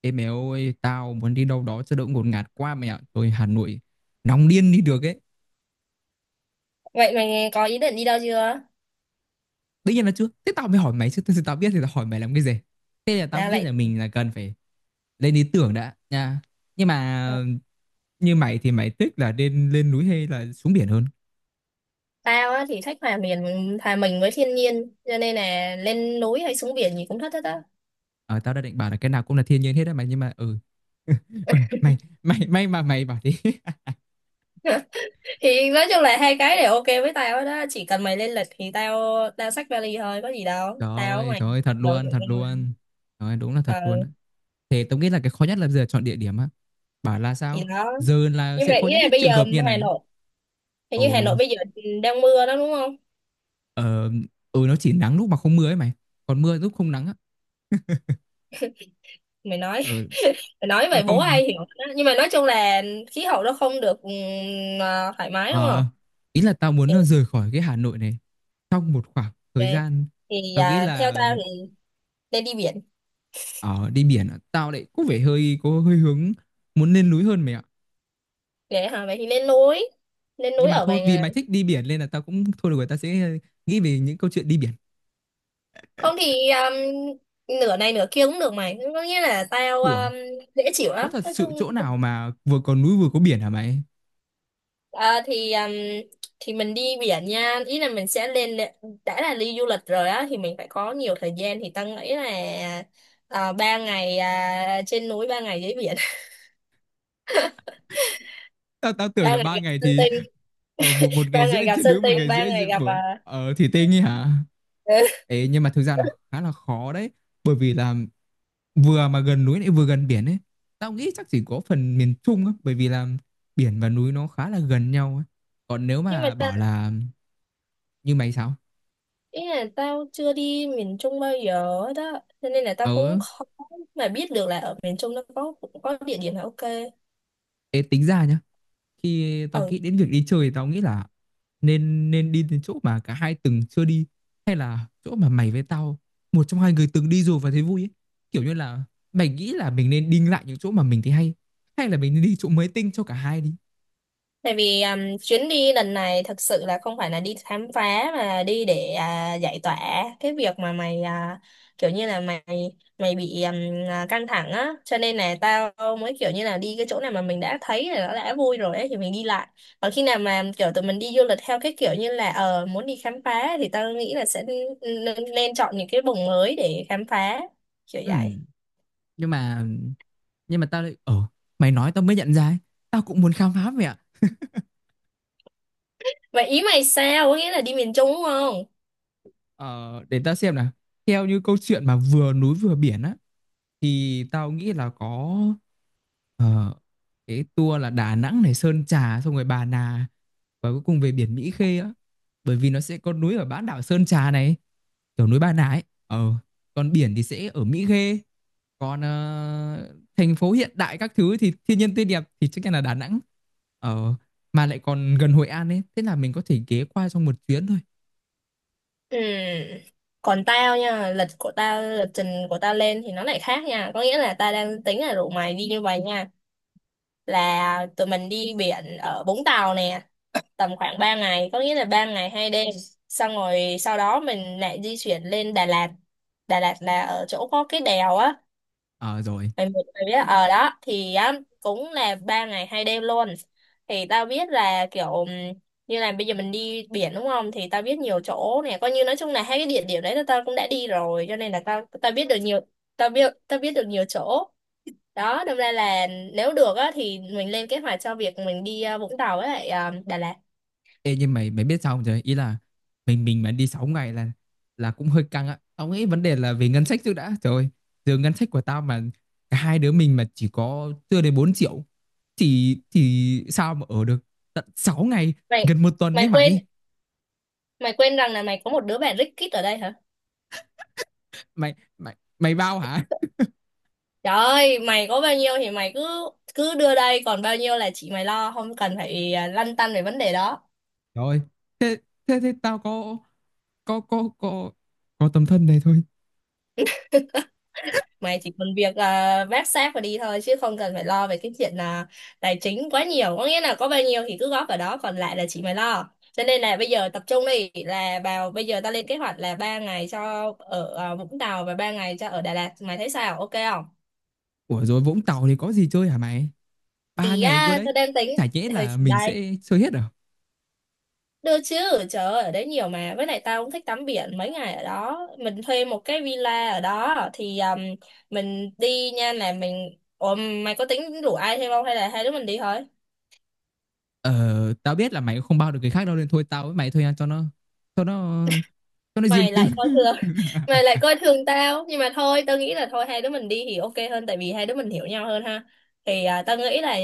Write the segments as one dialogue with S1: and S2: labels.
S1: Ê mẹ ơi, tao muốn đi đâu đó cho đỡ ngột ngạt quá mẹ ạ. Tôi Hà Nội nóng điên đi được ấy.
S2: Vậy mày có ý định đi đâu chưa?
S1: Tất nhiên là chưa. Thế tao mới hỏi mày chứ. Thật sự tao biết thì tao hỏi mày làm cái gì. Thế là tao
S2: Tao
S1: nghĩ
S2: lại
S1: là mình là cần phải lên ý tưởng đã nha. Nhưng mà
S2: à,
S1: như mày thì mày thích là lên lên núi hay là xuống biển hơn?
S2: tao á thì thích hòa mình với thiên nhiên cho nên là lên núi hay xuống biển gì cũng thích hết á.
S1: Ờ, tao đã định bảo là cái nào cũng là thiên nhiên hết á mày nhưng mà. Ừ, mày mày may mà mày bảo đi.
S2: Thì nói chung là hai cái đều ok với tao đó, chỉ cần mày lên lịch thì tao tao xách vali thôi, có gì đâu. Tao với mày
S1: Trời ơi, thật
S2: đâu
S1: luôn,
S2: rồi.
S1: thật luôn. Trời ơi, đúng là thật
S2: Ờ
S1: luôn á. Thế tao nghĩ là cái khó nhất là bây giờ chọn địa điểm á. Bảo là sao
S2: thì đó.
S1: giờ là
S2: Nhưng
S1: sẽ
S2: mà
S1: có
S2: ý
S1: những
S2: là
S1: cái
S2: bây
S1: trường
S2: giờ
S1: hợp như
S2: Hà
S1: này.
S2: Nội, hình như Hà Nội
S1: Ừ.
S2: bây giờ đang mưa đó đúng không?
S1: Ờ. Ừ, nó chỉ nắng lúc mà không mưa ấy mày, còn mưa lúc không nắng á.
S2: Mày nói
S1: Ừ,
S2: mày nói vậy
S1: không.
S2: bố ai hiểu đó. Nhưng mà nói chung là khí hậu nó không được thoải mái đúng không?
S1: ờ, Ý là tao muốn
S2: Thì-
S1: rời khỏi cái Hà Nội này trong một khoảng
S2: ờ,
S1: thời gian.
S2: thì
S1: Tao nghĩ
S2: theo
S1: là
S2: tao thì lên đi biển
S1: đi biển á, tao lại có vẻ hơi có hơi hướng muốn lên núi hơn mày ạ.
S2: để hả vậy thì lên núi, lên
S1: Nhưng
S2: núi
S1: mà
S2: ở
S1: thôi,
S2: vài
S1: vì
S2: ngày.
S1: mày thích đi biển nên là tao cũng thôi, được rồi, tao sẽ nghĩ về những câu chuyện đi biển.
S2: Không thì nửa này nửa kia cũng được mày, có nghĩa là tao
S1: Đùa,
S2: dễ chịu
S1: có
S2: lắm
S1: thật
S2: nói
S1: sự
S2: chung.
S1: chỗ nào mà vừa có núi vừa có biển hả mày?
S2: à, thì um, thì mình đi biển nha, ý là mình sẽ lên, đã là đi du lịch rồi á thì mình phải có nhiều thời gian thì tao nghĩ là ba ngày, trên núi ba ngày dưới biển.
S1: Tao tao
S2: Ba
S1: tưởng là
S2: ngày
S1: ba
S2: gặp
S1: ngày
S2: sơn
S1: thì
S2: tinh,
S1: một một
S2: ba
S1: ngày
S2: ngày
S1: rưỡi
S2: gặp
S1: trên
S2: sơn
S1: núi, một
S2: tinh,
S1: ngày
S2: ba
S1: rưỡi
S2: ngày
S1: dưới
S2: gặp
S1: bốn
S2: à,
S1: thì tê ấy hả?
S2: ừ.
S1: Ê, nhưng mà thực ra là khá là khó đấy, bởi vì là vừa mà gần núi lại vừa gần biển ấy, tao nghĩ chắc chỉ có phần miền Trung á, bởi vì là biển và núi nó khá là gần nhau ấy. Còn nếu
S2: Nhưng mà
S1: mà bảo là như mày sao
S2: ý là tao chưa đi miền Trung bao giờ hết á. Cho nên là tao cũng
S1: ở
S2: khó mà biết được là ở miền Trung nó có cũng có địa điểm là ok.
S1: ê, tính ra nhá, khi tao
S2: Ừ.
S1: nghĩ đến việc đi chơi thì tao nghĩ là nên nên đi đến chỗ mà cả hai từng chưa đi, hay là chỗ mà mày với tao, một trong hai người từng đi rồi và thấy vui ấy. Kiểu như là mày nghĩ là mình nên đi lại những chỗ mà mình thấy hay, hay là mình nên đi chỗ mới tinh cho cả hai đi.
S2: Tại vì chuyến đi lần này thật sự là không phải là đi khám phá mà đi để giải tỏa cái việc mà mày kiểu như là mày mày bị căng thẳng á, cho nên là tao mới kiểu như là đi cái chỗ nào mà mình đã thấy là nó đã vui rồi ấy thì mình đi lại. Còn khi nào mà kiểu tụi mình đi du lịch theo cái kiểu như là ờ muốn đi khám phá thì tao nghĩ là sẽ nên chọn những cái vùng mới để khám phá, kiểu
S1: Ừ,
S2: vậy.
S1: nhưng mà nhưng mà tao lại ờ mày nói tao mới nhận ra ấy. Tao cũng muốn khám phá mẹ.
S2: Vậy ý mày sao? Có nghĩa là đi miền Trung đúng không?
S1: Ờ để tao xem nào. Theo như câu chuyện mà vừa núi vừa biển á thì tao nghĩ là có ờ, cái tour là Đà Nẵng này, Sơn Trà, xong rồi Bà Nà và cuối cùng về biển Mỹ Khê á, bởi vì nó sẽ có núi ở bán đảo Sơn Trà này, kiểu núi Bà Nà ấy, còn biển thì sẽ ở Mỹ Khê. Còn thành phố hiện đại các thứ thì thiên nhiên tươi đẹp thì chắc chắn là Đà Nẵng, ờ mà lại còn gần Hội An ấy, thế là mình có thể ghé qua trong một chuyến thôi.
S2: Ừ. Còn tao nha, lịch của tao, lịch trình của tao lên thì nó lại khác nha. Có nghĩa là tao đang tính là rủ mày đi như vậy nha. Là tụi mình đi biển ở Vũng Tàu nè, tầm khoảng 3 ngày, có nghĩa là 3 ngày 2 đêm. Xong rồi sau đó mình lại di chuyển lên Đà Lạt. Đà Lạt là ở chỗ có cái đèo á,
S1: Ờ rồi.
S2: mày biết ở đó thì á, cũng là ba ngày hai đêm luôn, thì tao biết là kiểu như là bây giờ mình đi biển đúng không, thì tao biết nhiều chỗ này, coi như nói chung là hai cái địa điểm đấy là tao cũng đã đi rồi cho nên là tao tao biết được nhiều, tao biết được nhiều chỗ, đó đâm ra là nếu được á thì mình lên kế hoạch cho việc mình đi Vũng Tàu với lại Đà Lạt.
S1: Ê, nhưng mày mày biết sao không trời, ý là mình mà đi 6 ngày là cũng hơi căng á, tao nghĩ vấn đề là về ngân sách trước đã. Trời ơi, giờ ngân sách của tao mà cả hai đứa mình mà chỉ có chưa đến 4 triệu thì sao mà ở được tận 6 ngày,
S2: Mày
S1: gần một tuần đấy
S2: mày quên
S1: mày.
S2: Mày quên rằng là mày có một đứa bạn rất kít ở đây hả.
S1: Mày bao hả?
S2: Trời ơi, mày có bao nhiêu thì mày cứ cứ đưa đây, còn bao nhiêu là chị mày lo, không cần phải lăn tăn về vấn đề đó.
S1: Trời ơi, thế thế thế tao có có có có tấm thân này thôi.
S2: Mày chỉ cần việc vác xác và đi thôi, chứ không cần phải lo về cái chuyện là tài chính quá nhiều. Có nghĩa là có bao nhiêu thì cứ góp vào đó, còn lại là chị mày lo. Cho nên là bây giờ tập trung đi, là vào bây giờ ta lên kế hoạch là ba ngày cho ở Vũng Tàu và ba ngày cho ở Đà Lạt. Mày thấy sao? Ok không?
S1: Ủa rồi, Vũng Tàu thì có gì chơi hả mày? ba
S2: Thì
S1: ngày cơ đấy,
S2: tao đang tính
S1: chả nhẽ
S2: thời
S1: là mình
S2: đây.
S1: sẽ chơi hết à?
S2: Được chứ, trời ơi, ở đấy nhiều mà. Với lại tao cũng thích tắm biển mấy ngày ở đó. Mình thuê một cái villa ở đó thì mình đi nha là mình... Ủa, mày có tính rủ ai thêm không hay là hai đứa mình đi thôi?
S1: Ờ, tao biết là mày cũng không bao được người khác đâu, nên thôi tao với mày thôi nha, cho nó cho nó
S2: Mày
S1: riêng tư.
S2: lại coi thường, mày lại coi thường tao. Nhưng mà thôi, tao nghĩ là thôi hai đứa mình đi thì ok hơn tại vì hai đứa mình hiểu nhau hơn ha. Thì tao nghĩ là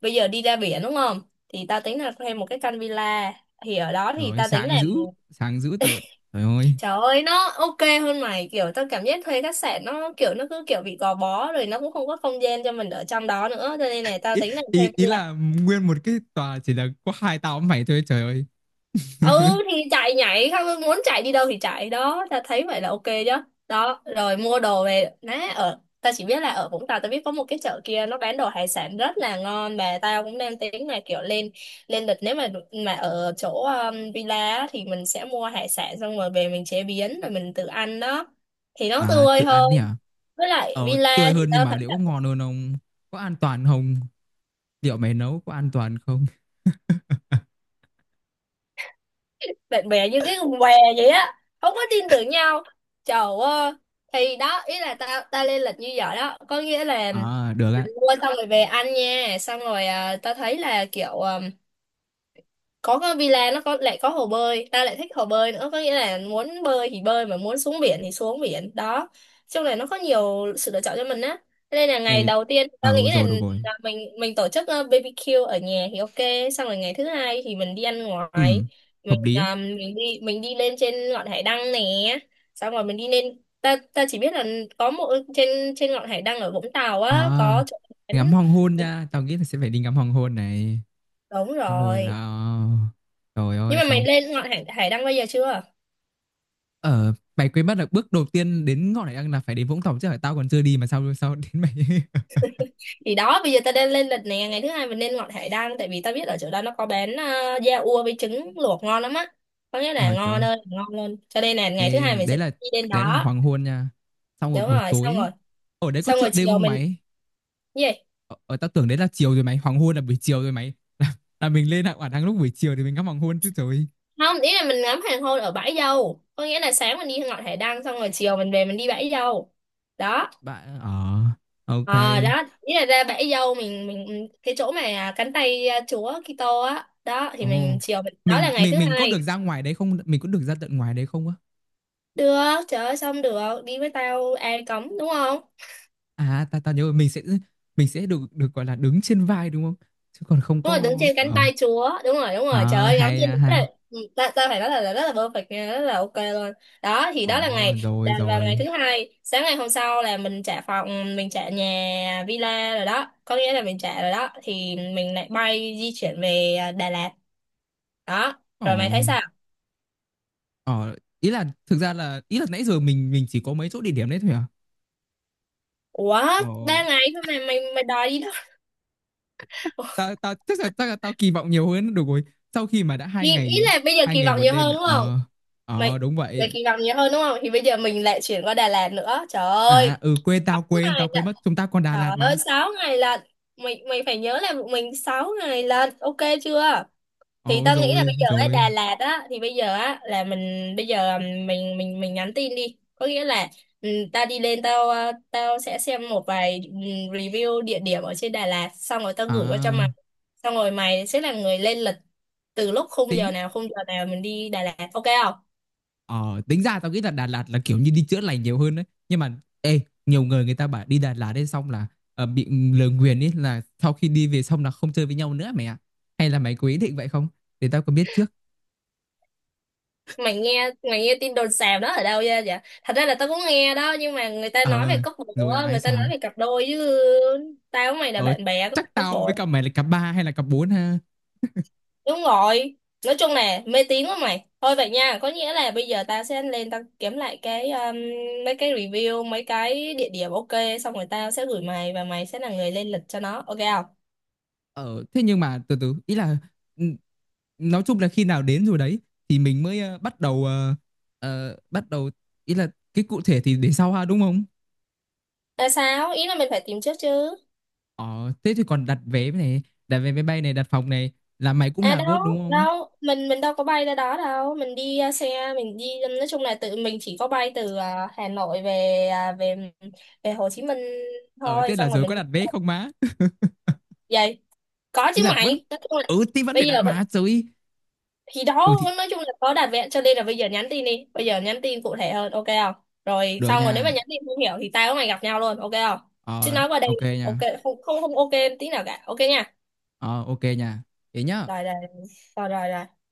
S2: bây giờ đi ra biển đúng không? Thì tao tính là thuê một cái căn villa. Thì ở đó thì
S1: Rồi
S2: tao tính là
S1: sáng dữ tợn. Trời ơi.
S2: trời ơi nó ok hơn mày, kiểu tao cảm giác thuê khách sạn nó kiểu nó cứ kiểu bị gò bó, rồi nó cũng không có không gian cho mình ở trong đó nữa, cho nên là tao
S1: Ý,
S2: tính là thuê
S1: ý
S2: villa.
S1: là nguyên một cái tòa chỉ là có hai tao với mày thôi, trời ơi.
S2: Ừ thì chạy nhảy không, muốn chạy đi đâu thì chạy đó, tao thấy vậy là ok chứ. Đó rồi mua đồ về nè, ở tao chỉ biết là ở Vũng Tàu tao biết có một cái chợ kia nó bán đồ hải sản rất là ngon và tao cũng đang tính là kiểu lên, lên lịch nếu mà ở chỗ villa á, thì mình sẽ mua hải sản xong rồi về mình chế biến rồi mình tự ăn đó thì nó
S1: À
S2: tươi
S1: tự
S2: hơn.
S1: ăn đi à?
S2: Với lại
S1: Ờ,
S2: villa
S1: tươi
S2: thì
S1: hơn, nhưng
S2: tao
S1: mà
S2: thấy
S1: liệu
S2: là
S1: có ngon hơn không? Có an toàn không? Liệu mày nấu có an toàn không?
S2: bạn bè như cái con què vậy á, không có tin tưởng nhau, trời ơi. Thì đó, ý là tao tao lên lịch như vậy đó, có nghĩa là
S1: À được
S2: mình
S1: ạ.
S2: mua xong rồi về ăn nha, xong rồi tao thấy là kiểu có cái villa nó có lại có hồ bơi, ta lại thích hồ bơi nữa, có nghĩa là muốn bơi thì bơi mà muốn xuống biển thì xuống biển đó, chung là nó có nhiều sự lựa chọn cho mình á. Thế nên là ngày
S1: Ê,
S2: đầu tiên tao nghĩ
S1: rồi được rồi.
S2: là mình tổ chức BBQ ở nhà thì ok, xong rồi ngày thứ hai thì mình đi ăn
S1: Ừ,
S2: ngoài,
S1: hợp lý ấy.
S2: mình đi đi lên trên ngọn hải đăng nè, xong rồi mình đi lên, ta ta chỉ biết là có một, trên trên ngọn hải đăng ở Vũng Tàu á
S1: À,
S2: có chỗ bán-
S1: ngắm hoàng hôn nha, tao nghĩ là sẽ phải đi ngắm hoàng hôn này.
S2: đúng
S1: Xong rồi là
S2: rồi.
S1: trời
S2: Nhưng
S1: ơi,
S2: mà mày
S1: xong.
S2: lên ngọn hải đăng bây giờ chưa?
S1: Mày quên mất là bước đầu tiên đến ngọn hải đăng là phải đến Vũng Tàu chứ, phải tao còn chưa đi mà sao sao đến mày.
S2: Thì đó, bây giờ ta đang lên lịch nè, ngày thứ hai mình nên ngọn hải đăng tại vì ta biết ở chỗ đó nó có bán da ua với trứng luộc ngon lắm á, có nghĩa là
S1: Ờ, trời ơi.
S2: ngon ơi ngon luôn, cho nên là ngày thứ hai
S1: Ê,
S2: mình
S1: đấy
S2: sẽ
S1: là
S2: đi đến
S1: đấy là
S2: đó.
S1: hoàng hôn nha, xong rồi
S2: Đúng
S1: buổi
S2: rồi,
S1: tối
S2: xong
S1: ấy,
S2: rồi,
S1: ở đấy có
S2: xong
S1: chợ
S2: rồi
S1: đêm
S2: chiều
S1: không
S2: mình
S1: mày?
S2: gì
S1: Ờ, Tao tưởng đấy là chiều rồi mày, hoàng hôn là buổi chiều rồi mày, là, là mình lên hải đăng lúc buổi chiều thì mình ngắm hoàng hôn chứ trời.
S2: không, ý là mình ngắm hoàng hôn ở bãi dâu, có nghĩa là sáng mình đi ngọn hải đăng xong rồi chiều mình về mình đi bãi dâu đó.
S1: Bạn
S2: Ờ
S1: ok.
S2: đó ý là ra bãi dâu, mình cái chỗ mà cánh tay chúa Kitô á đó thì
S1: Ồ,
S2: mình chiều mình, đó
S1: mình
S2: là ngày thứ
S1: mình mình có được
S2: hai.
S1: ra ngoài đấy không, mình có được ra tận ngoài đấy không á?
S2: Được, trời ơi xong được, đi với tao ai cấm đúng không?
S1: À, tao tao nhớ rồi, mình sẽ được được gọi là đứng trên vai đúng không? Chứ còn không
S2: Đúng rồi, đứng
S1: có
S2: trên cánh tay chúa, đúng rồi, trời
S1: à,
S2: ơi ngắm
S1: hay,
S2: trên
S1: à,
S2: đó là
S1: hay.
S2: ừ, ta, ta phải nói là rất là perfect nha, rất là ok luôn. Đó thì đó là
S1: Ồ
S2: ngày
S1: rồi
S2: vào ngày
S1: rồi.
S2: thứ hai, sáng ngày hôm sau là mình trả phòng, mình trả nhà villa rồi đó, có nghĩa là mình trả rồi đó thì mình lại bay di chuyển về Đà Lạt. Đó,
S1: Ồ,
S2: rồi mày thấy sao?
S1: ờ ý là thực ra là nãy giờ mình chỉ có mấy chỗ địa điểm đấy thôi à?
S2: Ủa,
S1: Ồ,
S2: ba ngày thôi mà mày mày đòi đi đâu?
S1: tao tao chắc là tao kỳ vọng nhiều hơn được rồi. Sau khi mà đã hai
S2: Ý, ý
S1: ngày
S2: là bây giờ
S1: hai
S2: kỳ
S1: ngày
S2: vọng
S1: một
S2: nhiều
S1: đêm
S2: hơn
S1: này.
S2: đúng
S1: Ờ, ờ,
S2: mày
S1: đúng
S2: mày
S1: vậy.
S2: kỳ vọng nhiều hơn đúng không, thì bây giờ mình lại chuyển qua Đà Lạt nữa, trời ơi,
S1: À, ừ, quên tao
S2: sáu
S1: quên
S2: ngày
S1: tao
S2: lận,
S1: quên mất chúng ta còn Đà
S2: trời
S1: Lạt
S2: ơi
S1: mà.
S2: sáu ngày lận, mày mày phải nhớ là bọn mình sáu ngày lận, ok chưa? Thì
S1: Ồ
S2: tao nghĩ là
S1: rồi
S2: bây giờ ở
S1: rồi.
S2: Đà Lạt á thì bây giờ á là mình bây giờ mình nhắn tin đi, có nghĩa là tao đi lên tao tao sẽ xem một vài review địa điểm ở trên Đà Lạt xong rồi tao gửi qua cho mày,
S1: À,
S2: xong rồi mày sẽ là người lên lịch từ lúc
S1: tính
S2: khung giờ nào mình đi Đà Lạt ok không?
S1: Ờ, tính ra tao nghĩ là Đà Lạt là kiểu như đi chữa lành nhiều hơn đấy. Nhưng mà ê, nhiều người người ta bảo đi Đà Lạt đến xong là bị lời nguyền ấy, là sau khi đi về xong là không chơi với nhau nữa mày ạ. Hay là mày có ý định vậy không? Để tao có biết trước.
S2: Mày nghe tin đồn xào đó ở đâu ra vậy? Dạ, thật ra là tao cũng nghe đó nhưng mà người ta nói về
S1: Ờ,
S2: cốc bộ
S1: rồi là
S2: á,
S1: ai
S2: người ta
S1: sao?
S2: nói về cặp đôi chứ tao với mày là
S1: Ờ,
S2: bạn bè, có phải
S1: chắc
S2: cốc
S1: tao
S2: bộ.
S1: với cả mày là cặp ba hay là cặp bốn ha.
S2: Đúng rồi, nói chung là mê tín quá mày, thôi vậy nha, có nghĩa là bây giờ tao sẽ lên tao kiếm lại cái mấy cái review mấy cái địa điểm ok, xong rồi tao sẽ gửi mày và mày sẽ là người lên lịch cho nó, ok không?
S1: Ờ, thế nhưng mà từ từ ý là ừ, nói chung là khi nào đến rồi đấy thì mình mới bắt đầu, ý là cái cụ thể thì để sau ha đúng không?
S2: Là sao, ý là mình phải tìm trước chứ.
S1: Ờ, thế thì còn đặt vé này, đặt vé máy bay này, đặt phòng này là mày cũng
S2: À
S1: làm luôn đúng
S2: đâu,
S1: không?
S2: đâu, mình đâu có bay ra đó đâu, mình đi xe, mình đi nói chung là tự mình chỉ có bay từ Hà Nội về ờ, về về Hồ Chí Minh thôi,
S1: Thế là
S2: xong rồi
S1: giờ có
S2: mình đi
S1: đặt vé không má?
S2: vậy. Có
S1: Ý
S2: chứ
S1: là vẫn
S2: mày, nói chung là
S1: thì vẫn phải
S2: bây
S1: đặt
S2: giờ
S1: má
S2: vậy-
S1: rồi.
S2: thì đó
S1: Ừ thì
S2: nói chung là có đặt vẹn cho nên là bây giờ nhắn tin đi, bây giờ nhắn tin cụ thể hơn ok không? Rồi
S1: được
S2: xong rồi nếu mà
S1: nha.
S2: nhắn tin không hiểu thì tao với mày gặp nhau luôn, ok không? Chứ
S1: Ờ,
S2: nói qua đây
S1: OK
S2: ok
S1: nha.
S2: không không không ok tí nào cả. Ok nha.
S1: Ờ, OK nha. Thế nhá.
S2: Rồi rồi rồi rồi rồi.